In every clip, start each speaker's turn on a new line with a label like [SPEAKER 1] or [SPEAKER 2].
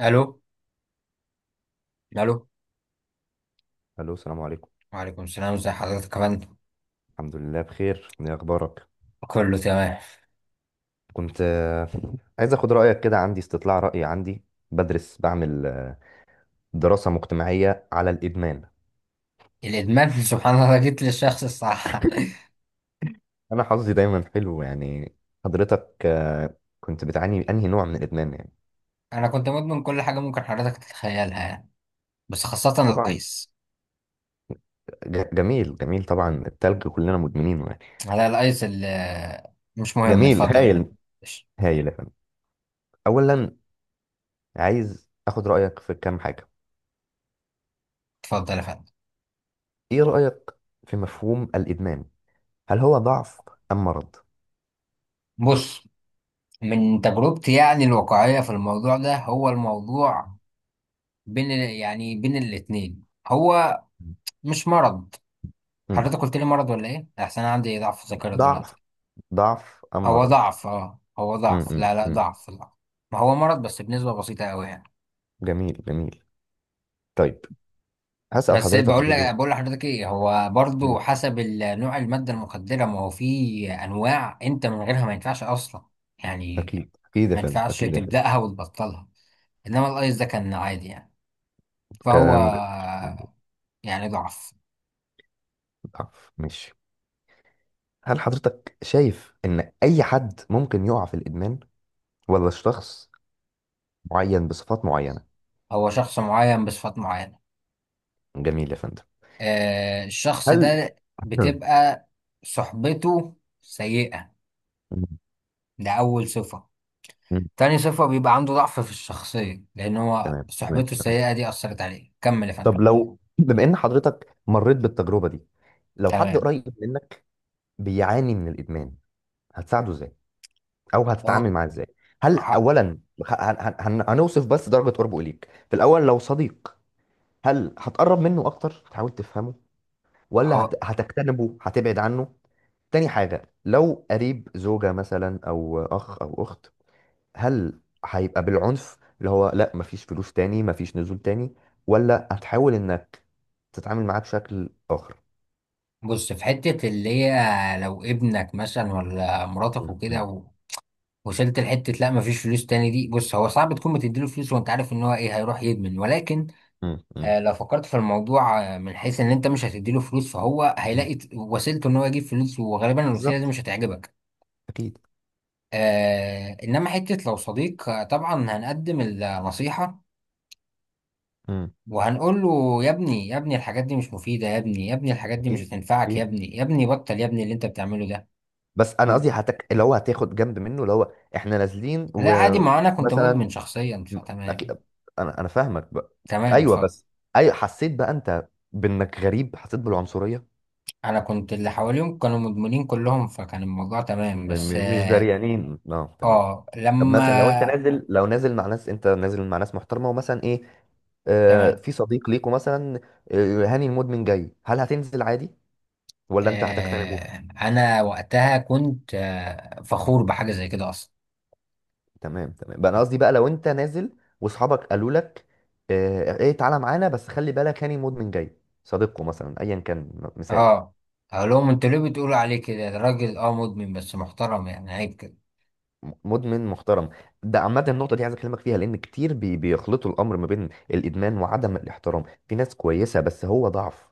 [SPEAKER 1] الو الو.
[SPEAKER 2] الو، السلام عليكم.
[SPEAKER 1] وعليكم السلام، ازي حضرتك كمان؟
[SPEAKER 2] الحمد لله بخير. ايه اخبارك؟
[SPEAKER 1] كله تمام.
[SPEAKER 2] كنت عايز اخد رايك كده، عندي استطلاع راي، عندي بدرس، بعمل دراسه مجتمعيه على الادمان.
[SPEAKER 1] الادمان سبحان الله، جيت للشخص الصح.
[SPEAKER 2] انا حظي دايما حلو يعني. حضرتك كنت بتعاني من انهي نوع من الادمان يعني؟
[SPEAKER 1] انا كنت مدمن كل حاجه ممكن حضرتك تتخيلها يعني، بس خاصه
[SPEAKER 2] طبعا.
[SPEAKER 1] الايس.
[SPEAKER 2] جميل جميل، طبعا التلج كلنا مدمنينه يعني.
[SPEAKER 1] على الايس اللي مش مهم،
[SPEAKER 2] جميل
[SPEAKER 1] اتفضل
[SPEAKER 2] هايل.
[SPEAKER 1] يعني. ماشي.
[SPEAKER 2] هايل يا فندم. اولا، عايز اخد رايك في كام حاجه.
[SPEAKER 1] اتفضل يا فندم.
[SPEAKER 2] ايه رايك في مفهوم الادمان؟ هل هو ضعف ام مرض؟
[SPEAKER 1] بص، من تجربتي يعني الواقعيه في الموضوع ده، هو الموضوع بين ال- يعني بين الاتنين هو مش مرض.
[SPEAKER 2] مم.
[SPEAKER 1] حضرتك قلت لي مرض ولا ايه؟ احسن أنا عندي ضعف ذاكره دلوقتي.
[SPEAKER 2] ضعف، ضعف أم
[SPEAKER 1] هو
[SPEAKER 2] مرض؟
[SPEAKER 1] ضعف، اه هو
[SPEAKER 2] م
[SPEAKER 1] ضعف،
[SPEAKER 2] -م
[SPEAKER 1] لا لا،
[SPEAKER 2] -م.
[SPEAKER 1] ضعف. ما هو مرض بس بنسبة بسيطة قوي يعني.
[SPEAKER 2] جميل جميل. طيب، هسأل
[SPEAKER 1] بس
[SPEAKER 2] حضرتك
[SPEAKER 1] بقول لك،
[SPEAKER 2] برضو.
[SPEAKER 1] بقول لحضرتك ايه، هو
[SPEAKER 2] م.
[SPEAKER 1] برضو حسب نوع المادة المخدرة، ما هو في انواع انت من غيرها ما ينفعش اصلا يعني،
[SPEAKER 2] أكيد أكيد يا
[SPEAKER 1] ما
[SPEAKER 2] فندم،
[SPEAKER 1] ينفعش
[SPEAKER 2] أكيد يا فندم.
[SPEAKER 1] تبدأها وتبطلها. انما الايس ده كان عادي يعني، فهو
[SPEAKER 2] كلام جميل.
[SPEAKER 1] يعني ضعف.
[SPEAKER 2] ضعف، ماشي. هل حضرتك شايف إن أي حد ممكن يقع في الإدمان، ولا شخص معين بصفات معينة؟
[SPEAKER 1] هو شخص معين بصفات معينة.
[SPEAKER 2] جميل يا فندم.
[SPEAKER 1] آه الشخص
[SPEAKER 2] هل
[SPEAKER 1] ده بتبقى صحبته سيئة،
[SPEAKER 2] م-
[SPEAKER 1] ده أول صفة.
[SPEAKER 2] م-
[SPEAKER 1] تاني صفة بيبقى عنده ضعف في الشخصية، لأن هو
[SPEAKER 2] تمام تمام
[SPEAKER 1] صحبته
[SPEAKER 2] تمام.
[SPEAKER 1] السيئة دي أثرت عليه. كمل يا فندم.
[SPEAKER 2] طب لو بما إن حضرتك مريت بالتجربة دي، لو حد
[SPEAKER 1] تمام.
[SPEAKER 2] قريب منك بيعاني من الإدمان، هتساعده إزاي؟ او
[SPEAKER 1] أهو
[SPEAKER 2] هتتعامل معاه ازاي؟ هل
[SPEAKER 1] ح-
[SPEAKER 2] اولا، هنوصف بس درجه قربه اليك في الاول، لو صديق، هل هتقرب منه اكتر تحاول تفهمه، ولا
[SPEAKER 1] أهو.
[SPEAKER 2] هتجتنبه هتبعد عنه؟ تاني حاجه، لو قريب زوجه مثلا او اخ او اخت، هل هيبقى بالعنف اللي هو لا مفيش فلوس تاني مفيش نزول تاني، ولا هتحاول انك تتعامل معاه بشكل اخر؟
[SPEAKER 1] بص، في حتة اللي هي لو ابنك مثلا ولا مراتك
[SPEAKER 2] م-.
[SPEAKER 1] وكده
[SPEAKER 2] م-.
[SPEAKER 1] وصلت لحتة لا مفيش فلوس تاني، دي بص، هو صعب تكون بتديله فلوس وأنت عارف إن هو إيه، هيروح يدمن. ولكن
[SPEAKER 2] م-.
[SPEAKER 1] آه
[SPEAKER 2] م-.
[SPEAKER 1] لو فكرت في الموضوع آه من حيث إن أنت مش هتديله فلوس، فهو
[SPEAKER 2] م.
[SPEAKER 1] هيلاقي وسيلته إن هو يجيب فلوس، وغالبا الوسيلة دي
[SPEAKER 2] بالظبط،
[SPEAKER 1] مش هتعجبك.
[SPEAKER 2] اكيد.
[SPEAKER 1] آه إنما حتة لو صديق طبعا هنقدم النصيحة،
[SPEAKER 2] م.
[SPEAKER 1] وهنقول له يا ابني يا ابني الحاجات دي مش مفيدة، يا ابني يا ابني الحاجات دي مش
[SPEAKER 2] اكيد،
[SPEAKER 1] هتنفعك، يا ابني يا ابني بطل يا ابني اللي انت بتعمله ده.
[SPEAKER 2] بس انا
[SPEAKER 1] م-
[SPEAKER 2] قصدي اللي هو هتاخد جنب منه، اللي هو احنا نازلين
[SPEAKER 1] لا عادي، ما انا كنت مدمن
[SPEAKER 2] ومثلا...
[SPEAKER 1] شخصيا
[SPEAKER 2] أكيد...
[SPEAKER 1] فتمام.
[SPEAKER 2] انا فاهمك بقى.
[SPEAKER 1] تمام
[SPEAKER 2] ايوه،
[SPEAKER 1] اتفضل.
[SPEAKER 2] بس ايوه حسيت بقى انت بانك غريب، حسيت بالعنصريه.
[SPEAKER 1] انا كنت اللي حواليهم كانوا مدمنين كلهم، فكان الموضوع تمام،
[SPEAKER 2] م...
[SPEAKER 1] بس
[SPEAKER 2] م... مش
[SPEAKER 1] اه
[SPEAKER 2] دريانين. اه، تمام. طب مثلا، لو انت
[SPEAKER 1] لما.
[SPEAKER 2] نازل، لو نازل مع ناس، انت نازل مع ناس محترمه، ومثلا ايه، آه
[SPEAKER 1] تمام.
[SPEAKER 2] في صديق ليكوا مثلا، آه هاني المدمن جاي، هل هتنزل عادي ولا انت هتقتنع؟
[SPEAKER 1] آه انا وقتها كنت آه فخور بحاجة زي كده اصلا.
[SPEAKER 2] تمام تمام بقى، انا قصدي بقى لو انت نازل، واصحابك قالوا لك ايه، تعالى معانا بس خلي بالك هاني مدمن جاي، صديقه مثلا ايا كان، مثال.
[SPEAKER 1] اه اقول لهم انتوا ليه بتقولوا عليه كده؟ ده راجل اه مدمن بس محترم، يعني عيب كده.
[SPEAKER 2] مدمن محترم؟ ده عامة النقطة دي عايز أكلمك فيها، لأن كتير بيخلطوا الأمر ما بين الإدمان وعدم الاحترام. في ناس كويسة بس هو ضعف،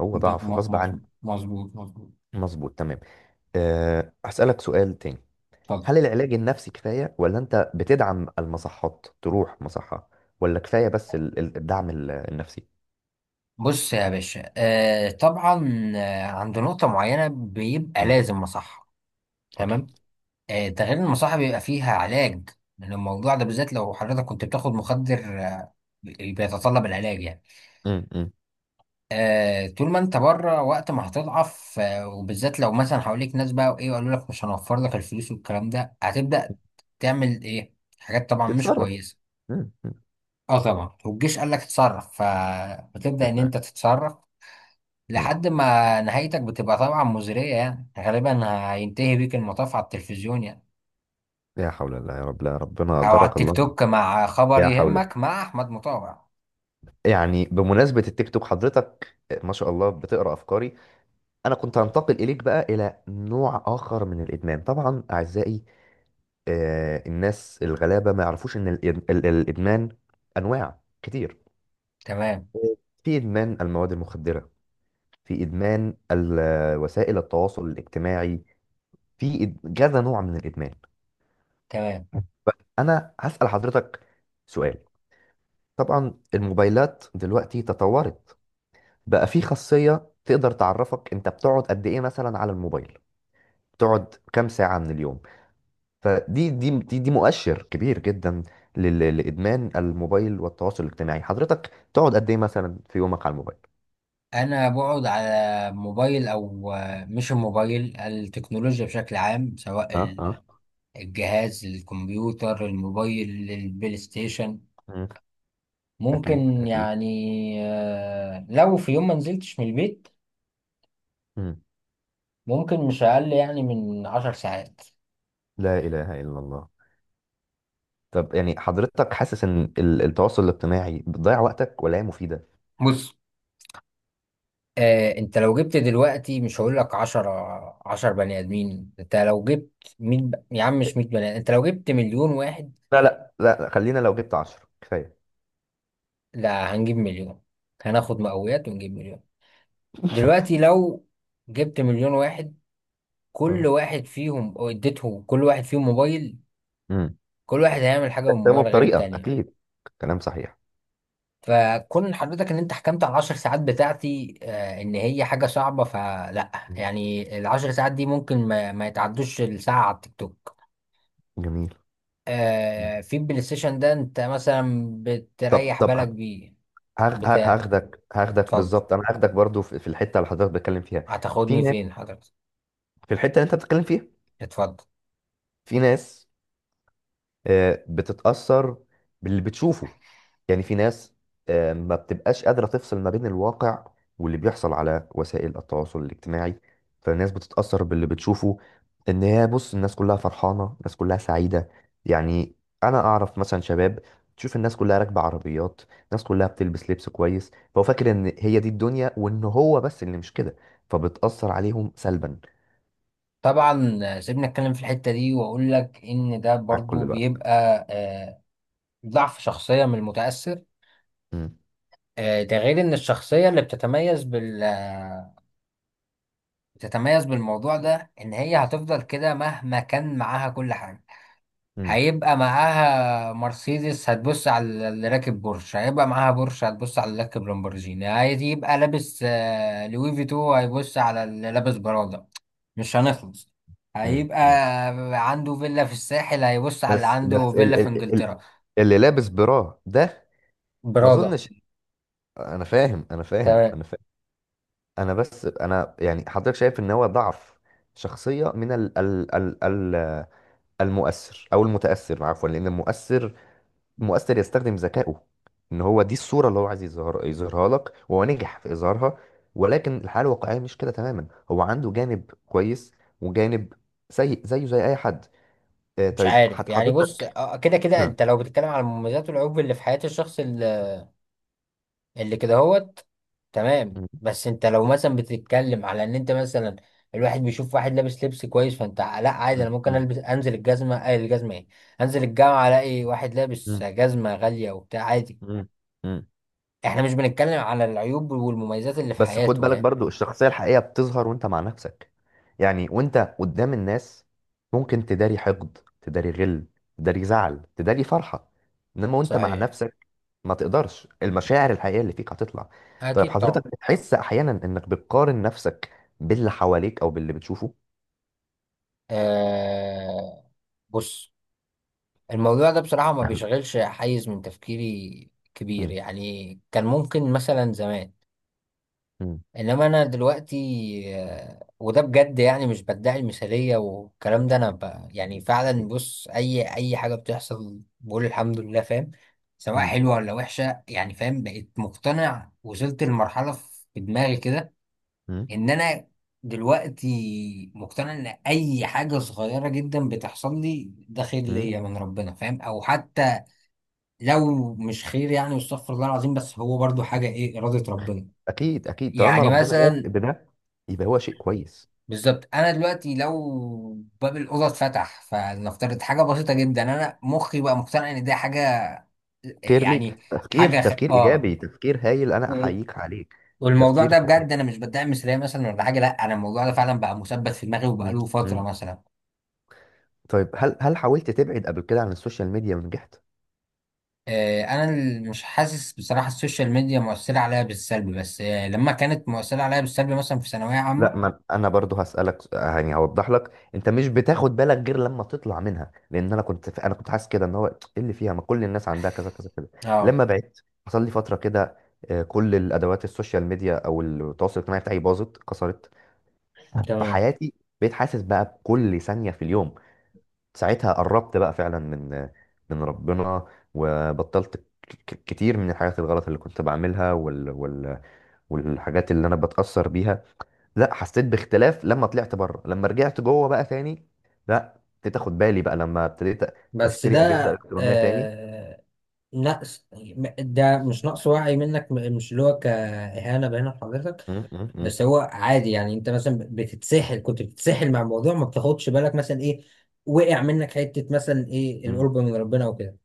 [SPEAKER 2] هو ضعف غصب عنه.
[SPEAKER 1] مظبوط مظبوط مظبوط.
[SPEAKER 2] مظبوط، تمام. أه، هسألك سؤال تاني.
[SPEAKER 1] اتفضل.
[SPEAKER 2] هل العلاج النفسي كفاية ولا أنت بتدعم المصحات تروح مصحة، ولا كفاية بس الدعم النفسي؟
[SPEAKER 1] بص يا باشا آه طبعا عند نقطة معينة بيبقى
[SPEAKER 2] مم،
[SPEAKER 1] لازم مصحة.
[SPEAKER 2] أكيد.
[SPEAKER 1] تمام. آه ده غير إن المصحة بيبقى فيها علاج من الموضوع ده بالذات. لو حضرتك كنت بتاخد مخدر آه بيتطلب العلاج يعني.
[SPEAKER 2] مم، مم.
[SPEAKER 1] آه طول ما انت بره، وقت ما هتضعف آه، وبالذات لو مثلا حواليك ناس بقى وايه وقالوا لك مش هنوفر لك الفلوس والكلام ده، هتبدأ تعمل ايه؟ حاجات طبعا مش
[SPEAKER 2] تتصرف.
[SPEAKER 1] كويسة.
[SPEAKER 2] مم.
[SPEAKER 1] اه طبعا، والجيش قال لك اتصرف، فبتبدأ ان انت تتصرف
[SPEAKER 2] مم.
[SPEAKER 1] لحد ما نهايتك بتبقى طبعا مزرية يعني غالبا. هينتهي بيك المطاف على التلفزيون يعني،
[SPEAKER 2] يا حول الله، يا رب. لا ربنا
[SPEAKER 1] أو على
[SPEAKER 2] أجرك
[SPEAKER 1] التيك
[SPEAKER 2] الله.
[SPEAKER 1] توك مع خبر
[SPEAKER 2] يا حول.
[SPEAKER 1] يهمك مع أحمد مطاوع.
[SPEAKER 2] يعني بمناسبة التيك توك حضرتك، ما شاء الله بتقرأ أفكاري. أنا كنت هنتقل إليك بقى إلى نوع آخر من الإدمان، طبعا أعزائي الناس الغلابة ما يعرفوش إن الإدمان أنواع كتير.
[SPEAKER 1] تمام.
[SPEAKER 2] في إدمان المواد المخدرة، في إدمان وسائل التواصل الاجتماعي، في كذا نوع من الإدمان.
[SPEAKER 1] تمام.
[SPEAKER 2] طيب، أنا هسأل حضرتك سؤال. طبعا الموبايلات دلوقتي تطورت، بقى في خاصية تقدر تعرفك انت بتقعد قد ايه مثلا على الموبايل، بتقعد كام ساعة من اليوم. دي مؤشر كبير جدا لإدمان الموبايل والتواصل الاجتماعي. حضرتك تقعد قد ايه مثلا في يومك على الموبايل؟
[SPEAKER 1] أنا بقعد على موبايل أو مش الموبايل، التكنولوجيا بشكل عام، سواء
[SPEAKER 2] اه، اه.
[SPEAKER 1] الجهاز، الكمبيوتر، الموبايل، البلاي ستيشن.
[SPEAKER 2] مم. اكيد
[SPEAKER 1] ممكن
[SPEAKER 2] اكيد.
[SPEAKER 1] يعني لو في يوم ما نزلتش من البيت،
[SPEAKER 2] مم.
[SPEAKER 1] ممكن مش أقل يعني من عشر ساعات.
[SPEAKER 2] لا اله الا الله. طب يعني حضرتك حاسس ان التواصل الاجتماعي بتضيع وقتك، ولا هي مفيدة؟
[SPEAKER 1] بص آه انت لو جبت دلوقتي، مش هقول لك 10، 10 بني ادمين، انت لو جبت يا عم مش 100 بني آدم، انت لو جبت مليون واحد.
[SPEAKER 2] لا لا لا، خلينا لو جبت 10 كفاية.
[SPEAKER 1] لا هنجيب مليون، هناخد مقاويات ونجيب مليون. دلوقتي لو جبت مليون واحد، كل واحد فيهم أو اديته كل واحد فيهم موبايل،
[SPEAKER 2] اه.
[SPEAKER 1] كل واحد هيعمل حاجة
[SPEAKER 2] استخدمه
[SPEAKER 1] بالموبايل غير
[SPEAKER 2] بطريقه،
[SPEAKER 1] التانية.
[SPEAKER 2] اكيد. كلام صحيح.
[SPEAKER 1] فكون حضرتك ان انت حكمت على العشر ساعات بتاعتي آه ان هي حاجة صعبة، فلا.
[SPEAKER 2] مم.
[SPEAKER 1] يعني العشر ساعات دي ممكن ما يتعدوش الساعة على التيك توك.
[SPEAKER 2] جميل. مم.
[SPEAKER 1] آه في البلاي ستيشن ده انت مثلا
[SPEAKER 2] طب
[SPEAKER 1] بتريح
[SPEAKER 2] طب
[SPEAKER 1] بالك
[SPEAKER 2] يعني،
[SPEAKER 1] بيه. بتاع
[SPEAKER 2] هاخدك،
[SPEAKER 1] اتفضل،
[SPEAKER 2] بالظبط انا هاخدك برضو في الحته اللي حضرتك بتتكلم فيها. في
[SPEAKER 1] هتاخدني
[SPEAKER 2] ناس
[SPEAKER 1] فين حضرتك؟
[SPEAKER 2] في الحته اللي انت بتتكلم فيها،
[SPEAKER 1] اتفضل.
[SPEAKER 2] في ناس بتتأثر باللي بتشوفه، يعني في ناس ما بتبقاش قادرة تفصل ما بين الواقع واللي بيحصل على وسائل التواصل الاجتماعي، فالناس بتتأثر باللي بتشوفه، ان هي بص الناس كلها فرحانة، الناس كلها سعيدة. يعني انا اعرف مثلا شباب، تشوف الناس كلها راكبة عربيات، الناس كلها بتلبس لبس كويس، فهو فاكر ان هي دي الدنيا وان هو بس اللي مش كده، فبتأثر عليهم سلبا.
[SPEAKER 1] طبعا سيبني اتكلم في الحتة دي، واقول لك ان ده
[SPEAKER 2] معاك
[SPEAKER 1] برضو
[SPEAKER 2] كل
[SPEAKER 1] بيبقى
[SPEAKER 2] الوقت.
[SPEAKER 1] آه ضعف شخصية من المتأثر. آه ده غير ان الشخصية اللي بتتميز بالموضوع ده، ان هي هتفضل كده مهما كان معاها كل حاجة. هيبقى معاها مرسيدس هتبص على اللي راكب بورش، هيبقى معاها بورش هتبص على اللي راكب لامبورجيني، هيبقى لابس لوي فيتو هيبص على اللي لابس برادا، مش هنخلص. هيبقى
[SPEAKER 2] كده،
[SPEAKER 1] عنده فيلا في الساحل هيبص على
[SPEAKER 2] طيب،
[SPEAKER 1] اللي
[SPEAKER 2] بس
[SPEAKER 1] عنده
[SPEAKER 2] بس ال
[SPEAKER 1] فيلا
[SPEAKER 2] هو-
[SPEAKER 1] في
[SPEAKER 2] ال ال
[SPEAKER 1] انجلترا.
[SPEAKER 2] اللي لابس براه ده، ما
[SPEAKER 1] برادا.
[SPEAKER 2] اظنش. انا فاهم، انا فاهم،
[SPEAKER 1] تمام.
[SPEAKER 2] انا فاهم. انا، بس انا يعني حضرتك شايف ان هو ضعف شخصية من ال ال ال ال المؤثر او المتأثر، عفوا، لان المؤثر يستخدم ذكائه، ان هو دي الصورة اللي هو عايز يظهرها لك، وهو نجح في اظهارها. ولكن الحالة الواقعية مش كده تماما، هو عنده جانب كويس، وجانب سيء زيه زي اي حد.
[SPEAKER 1] مش
[SPEAKER 2] طيب،
[SPEAKER 1] عارف يعني، بص
[SPEAKER 2] حضرتك.
[SPEAKER 1] كده كده
[SPEAKER 2] مم.
[SPEAKER 1] انت لو بتتكلم على المميزات والعيوب اللي في حياة الشخص اللي كده هوت، تمام. بس انت لو مثلا بتتكلم على ان انت مثلا الواحد بيشوف واحد لابس لبس كويس، فانت لا عادي، انا ممكن
[SPEAKER 2] مم.
[SPEAKER 1] البس انزل الجزمه آه الجزمه ايه، انزل الجامعه الاقي واحد لابس
[SPEAKER 2] مم.
[SPEAKER 1] جزمه غاليه وبتاع عادي.
[SPEAKER 2] مم. مم.
[SPEAKER 1] احنا مش بنتكلم على العيوب والمميزات اللي في
[SPEAKER 2] بس خد
[SPEAKER 1] حياته
[SPEAKER 2] بالك
[SPEAKER 1] يعني.
[SPEAKER 2] برضو، الشخصية الحقيقية بتظهر وانت مع نفسك. يعني وانت قدام الناس ممكن تداري حقد، تداري غل، تداري زعل، تداري فرحة، انما وانت مع
[SPEAKER 1] صحيح.
[SPEAKER 2] نفسك ما تقدرش، المشاعر الحقيقية اللي فيك هتطلع. طيب
[SPEAKER 1] اكيد طبعا.
[SPEAKER 2] حضرتك بتحس احيانا انك بتقارن نفسك باللي حواليك او باللي بتشوفه؟
[SPEAKER 1] آه بص، الموضوع ده بصراحه ما بيشغلش حيز من تفكيري كبير
[SPEAKER 2] مم.
[SPEAKER 1] يعني، كان ممكن مثلا زمان،
[SPEAKER 2] مم.
[SPEAKER 1] انما انا دلوقتي وده بجد يعني، مش بدعي المثاليه والكلام ده، يعني فعلا
[SPEAKER 2] أكيد.
[SPEAKER 1] بص، اي حاجه بتحصل بقول الحمد لله، فاهم؟ سواء
[SPEAKER 2] مم.
[SPEAKER 1] حلوه ولا وحشه يعني، فاهم؟ بقيت مقتنع، وصلت لمرحله في دماغي كده
[SPEAKER 2] مم.
[SPEAKER 1] ان انا دلوقتي مقتنع ان اي حاجه صغيره جدا بتحصل لي ده خير
[SPEAKER 2] مم.
[SPEAKER 1] ليا من ربنا، فاهم؟ او حتى لو مش خير يعني، واستغفر الله العظيم، بس هو برضو حاجه ايه، اراده ربنا.
[SPEAKER 2] اكيد اكيد، طالما
[SPEAKER 1] يعني
[SPEAKER 2] ربنا واثق
[SPEAKER 1] مثلا
[SPEAKER 2] بده يبقى هو شيء كويس.
[SPEAKER 1] بالظبط، انا دلوقتي لو باب الاوضه اتفتح، فلنفترض حاجه بسيطه جدا، انا مخي بقى مقتنع ان دي حاجه
[SPEAKER 2] خير
[SPEAKER 1] يعني
[SPEAKER 2] ليك، تفكير،
[SPEAKER 1] حاجه خ...
[SPEAKER 2] تفكير
[SPEAKER 1] اه
[SPEAKER 2] ايجابي، تفكير هايل، انا
[SPEAKER 1] و...
[SPEAKER 2] احييك عليك.
[SPEAKER 1] والموضوع
[SPEAKER 2] تفكير
[SPEAKER 1] ده
[SPEAKER 2] هايل.
[SPEAKER 1] بجد انا مش بدعم مثاليه مثلا ولا حاجه، لا انا الموضوع ده فعلا بقى مثبت في دماغي
[SPEAKER 2] مم.
[SPEAKER 1] وبقاله فتره
[SPEAKER 2] مم.
[SPEAKER 1] مثلا.
[SPEAKER 2] طيب، هل حاولت تبعد قبل كده عن السوشيال ميديا ونجحت؟
[SPEAKER 1] آه انا مش حاسس بصراحه السوشيال ميديا مؤثره عليا بالسلب، بس آه لما كانت مؤثره عليا بالسلب مثلا في ثانويه
[SPEAKER 2] لا،
[SPEAKER 1] عامه.
[SPEAKER 2] ما انا برضو يعني هوضح لك، انت مش بتاخد بالك غير لما تطلع منها، لان انا كنت حاسس كده ان هو ايه اللي فيها، ما كل الناس عندها كذا كذا كذا.
[SPEAKER 1] اه
[SPEAKER 2] لما بعدت، حصل لي فتره كده، كل الادوات السوشيال ميديا او التواصل الاجتماعي بتاعي باظت كسرت في
[SPEAKER 1] تمام.
[SPEAKER 2] حياتي. بقيت حاسس بقى بكل ثانيه في اليوم. ساعتها قربت بقى فعلا من ربنا، وبطلت كتير من الحاجات الغلط اللي كنت بعملها والحاجات اللي انا بتأثر بيها. لا، حسيت باختلاف لما طلعت بره، لما رجعت جوه بقى تاني، لا ابتديت اخد بالي بقى لما ابتديت
[SPEAKER 1] بس ده
[SPEAKER 2] اشتري اجهزة الكترونية تاني.
[SPEAKER 1] آه لا ده مش نقص وعي منك، مش اللي هو كإهانة بين حضرتك،
[SPEAKER 2] م-. م-. م-.
[SPEAKER 1] بس هو عادي يعني. انت مثلا بتتسحل، كنت بتتسحل مع الموضوع ما بتاخدش بالك مثلا ايه، وقع منك حتة مثلا ايه،
[SPEAKER 2] م-.
[SPEAKER 1] القرب من ربنا وكده.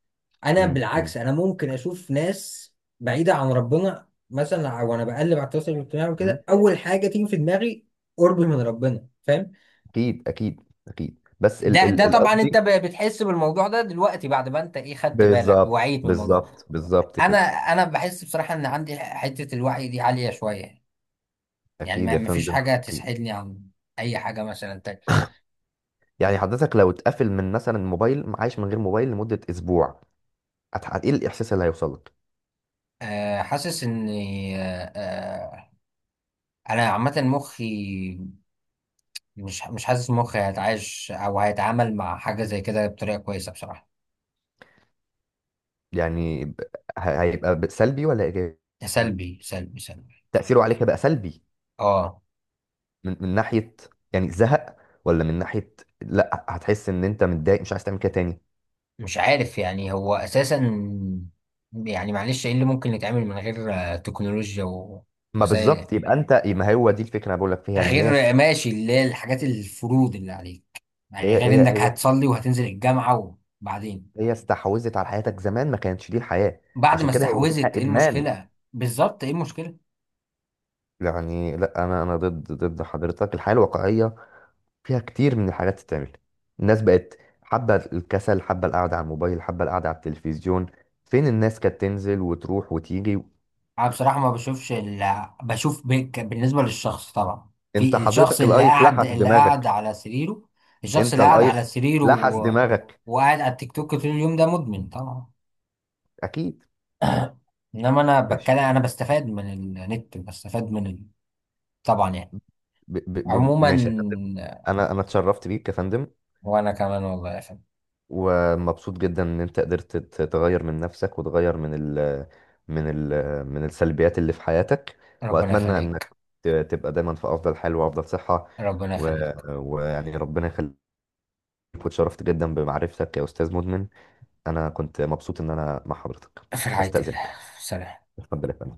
[SPEAKER 1] انا
[SPEAKER 2] م-.
[SPEAKER 1] بالعكس،
[SPEAKER 2] م-.
[SPEAKER 1] انا ممكن اشوف ناس بعيدة عن ربنا مثلا، وانا بقلب على التواصل الاجتماعي
[SPEAKER 2] م.
[SPEAKER 1] وكده، اول حاجة تيجي في دماغي قرب من ربنا، فاهم؟
[SPEAKER 2] اكيد اكيد اكيد، بس
[SPEAKER 1] ده طبعا انت
[SPEAKER 2] القصدي،
[SPEAKER 1] بتحس بالموضوع ده دلوقتي بعد ما انت ايه، خدت بالك،
[SPEAKER 2] بالظبط
[SPEAKER 1] وعيت من الموضوع.
[SPEAKER 2] بالظبط بالظبط
[SPEAKER 1] انا
[SPEAKER 2] كده.
[SPEAKER 1] انا بحس بصراحه ان عندي حته الوعي دي عاليه شويه، يعني
[SPEAKER 2] اكيد
[SPEAKER 1] ما
[SPEAKER 2] يا
[SPEAKER 1] ما فيش
[SPEAKER 2] فندم،
[SPEAKER 1] حاجه
[SPEAKER 2] اكيد.
[SPEAKER 1] تسحلني عن اي حاجه مثلا تاني.
[SPEAKER 2] يعني حضرتك لو اتقفل من مثلا موبايل، عايش من غير موبايل لمدة اسبوع، ايه الاحساس اللي هيوصل لك؟
[SPEAKER 1] أه حاسس ان أه آه، انا عامه مخي مش حاسس مخي هيتعايش او هيتعامل مع حاجه زي كده بطريقه كويسه بصراحه.
[SPEAKER 2] يعني هيبقى سلبي ولا ايجابي؟
[SPEAKER 1] ده سلبي سلبي سلبي.
[SPEAKER 2] تأثيره عليك هيبقى سلبي؟
[SPEAKER 1] اه
[SPEAKER 2] من ناحية يعني زهق، ولا من ناحية لا هتحس ان انت متضايق مش عايز تعمل كده تاني؟
[SPEAKER 1] مش عارف يعني، هو اساسا يعني معلش ايه اللي ممكن يتعمل من غير تكنولوجيا
[SPEAKER 2] ما
[SPEAKER 1] ووسائل،
[SPEAKER 2] بالظبط، يبقى انت، ما هو دي الفكرة انا بقول لك فيها ان هي
[SPEAKER 1] غير ماشي اللي هي الحاجات الفروض اللي عليك، يعني
[SPEAKER 2] هي
[SPEAKER 1] غير
[SPEAKER 2] هي
[SPEAKER 1] انك
[SPEAKER 2] هي
[SPEAKER 1] هتصلي وهتنزل الجامعة؟ وبعدين
[SPEAKER 2] هي استحوذت على حياتك، زمان ما كانتش دي الحياة.
[SPEAKER 1] بعد
[SPEAKER 2] عشان
[SPEAKER 1] ما
[SPEAKER 2] كده هي
[SPEAKER 1] استحوذت،
[SPEAKER 2] اسمها
[SPEAKER 1] ايه
[SPEAKER 2] ادمان.
[SPEAKER 1] المشكلة بالظبط، ايه المشكلة؟
[SPEAKER 2] يعني، لا، انا ضد حضرتك، الحياة الواقعية فيها كتير من الحاجات تتعمل. الناس بقت حابة الكسل، حابة القعدة على الموبايل، حابة القعدة على التلفزيون. فين الناس كانت تنزل وتروح وتيجي.
[SPEAKER 1] انا بصراحة ما بشوفش اللي بشوف بك بالنسبة للشخص، طبعا
[SPEAKER 2] انت
[SPEAKER 1] في الشخص
[SPEAKER 2] حضرتك
[SPEAKER 1] اللي
[SPEAKER 2] الايس
[SPEAKER 1] قاعد
[SPEAKER 2] لحس
[SPEAKER 1] اللي قاعد
[SPEAKER 2] دماغك.
[SPEAKER 1] على سريره، الشخص
[SPEAKER 2] انت
[SPEAKER 1] اللي قاعد
[SPEAKER 2] الايس
[SPEAKER 1] على سريره
[SPEAKER 2] لحس دماغك.
[SPEAKER 1] وقاعد على التيك توك طول اليوم، ده مدمن طبعا.
[SPEAKER 2] اكيد.
[SPEAKER 1] انما انا بتكلم،
[SPEAKER 2] ماشي.
[SPEAKER 1] انا بستفاد من النت، بستفاد من طبعا يعني. عموما،
[SPEAKER 2] ماشي يا فندم. انا اتشرفت بيك يا فندم،
[SPEAKER 1] وانا كمان والله يا فندم.
[SPEAKER 2] ومبسوط جدا ان انت قدرت تغير من نفسك، وتغير من ال من السلبيات اللي في حياتك.
[SPEAKER 1] ربنا
[SPEAKER 2] واتمنى انك
[SPEAKER 1] يخليك.
[SPEAKER 2] تبقى دايما في افضل حال وافضل صحة،
[SPEAKER 1] ربنا يخليك.
[SPEAKER 2] ويعني ربنا يخليك. واتشرفت جدا بمعرفتك يا استاذ مدمن. انا كنت مبسوط ان انا مع حضرتك.
[SPEAKER 1] في رعاية الله.
[SPEAKER 2] استاذنك.
[SPEAKER 1] سلام.
[SPEAKER 2] اتفضل يا فندم.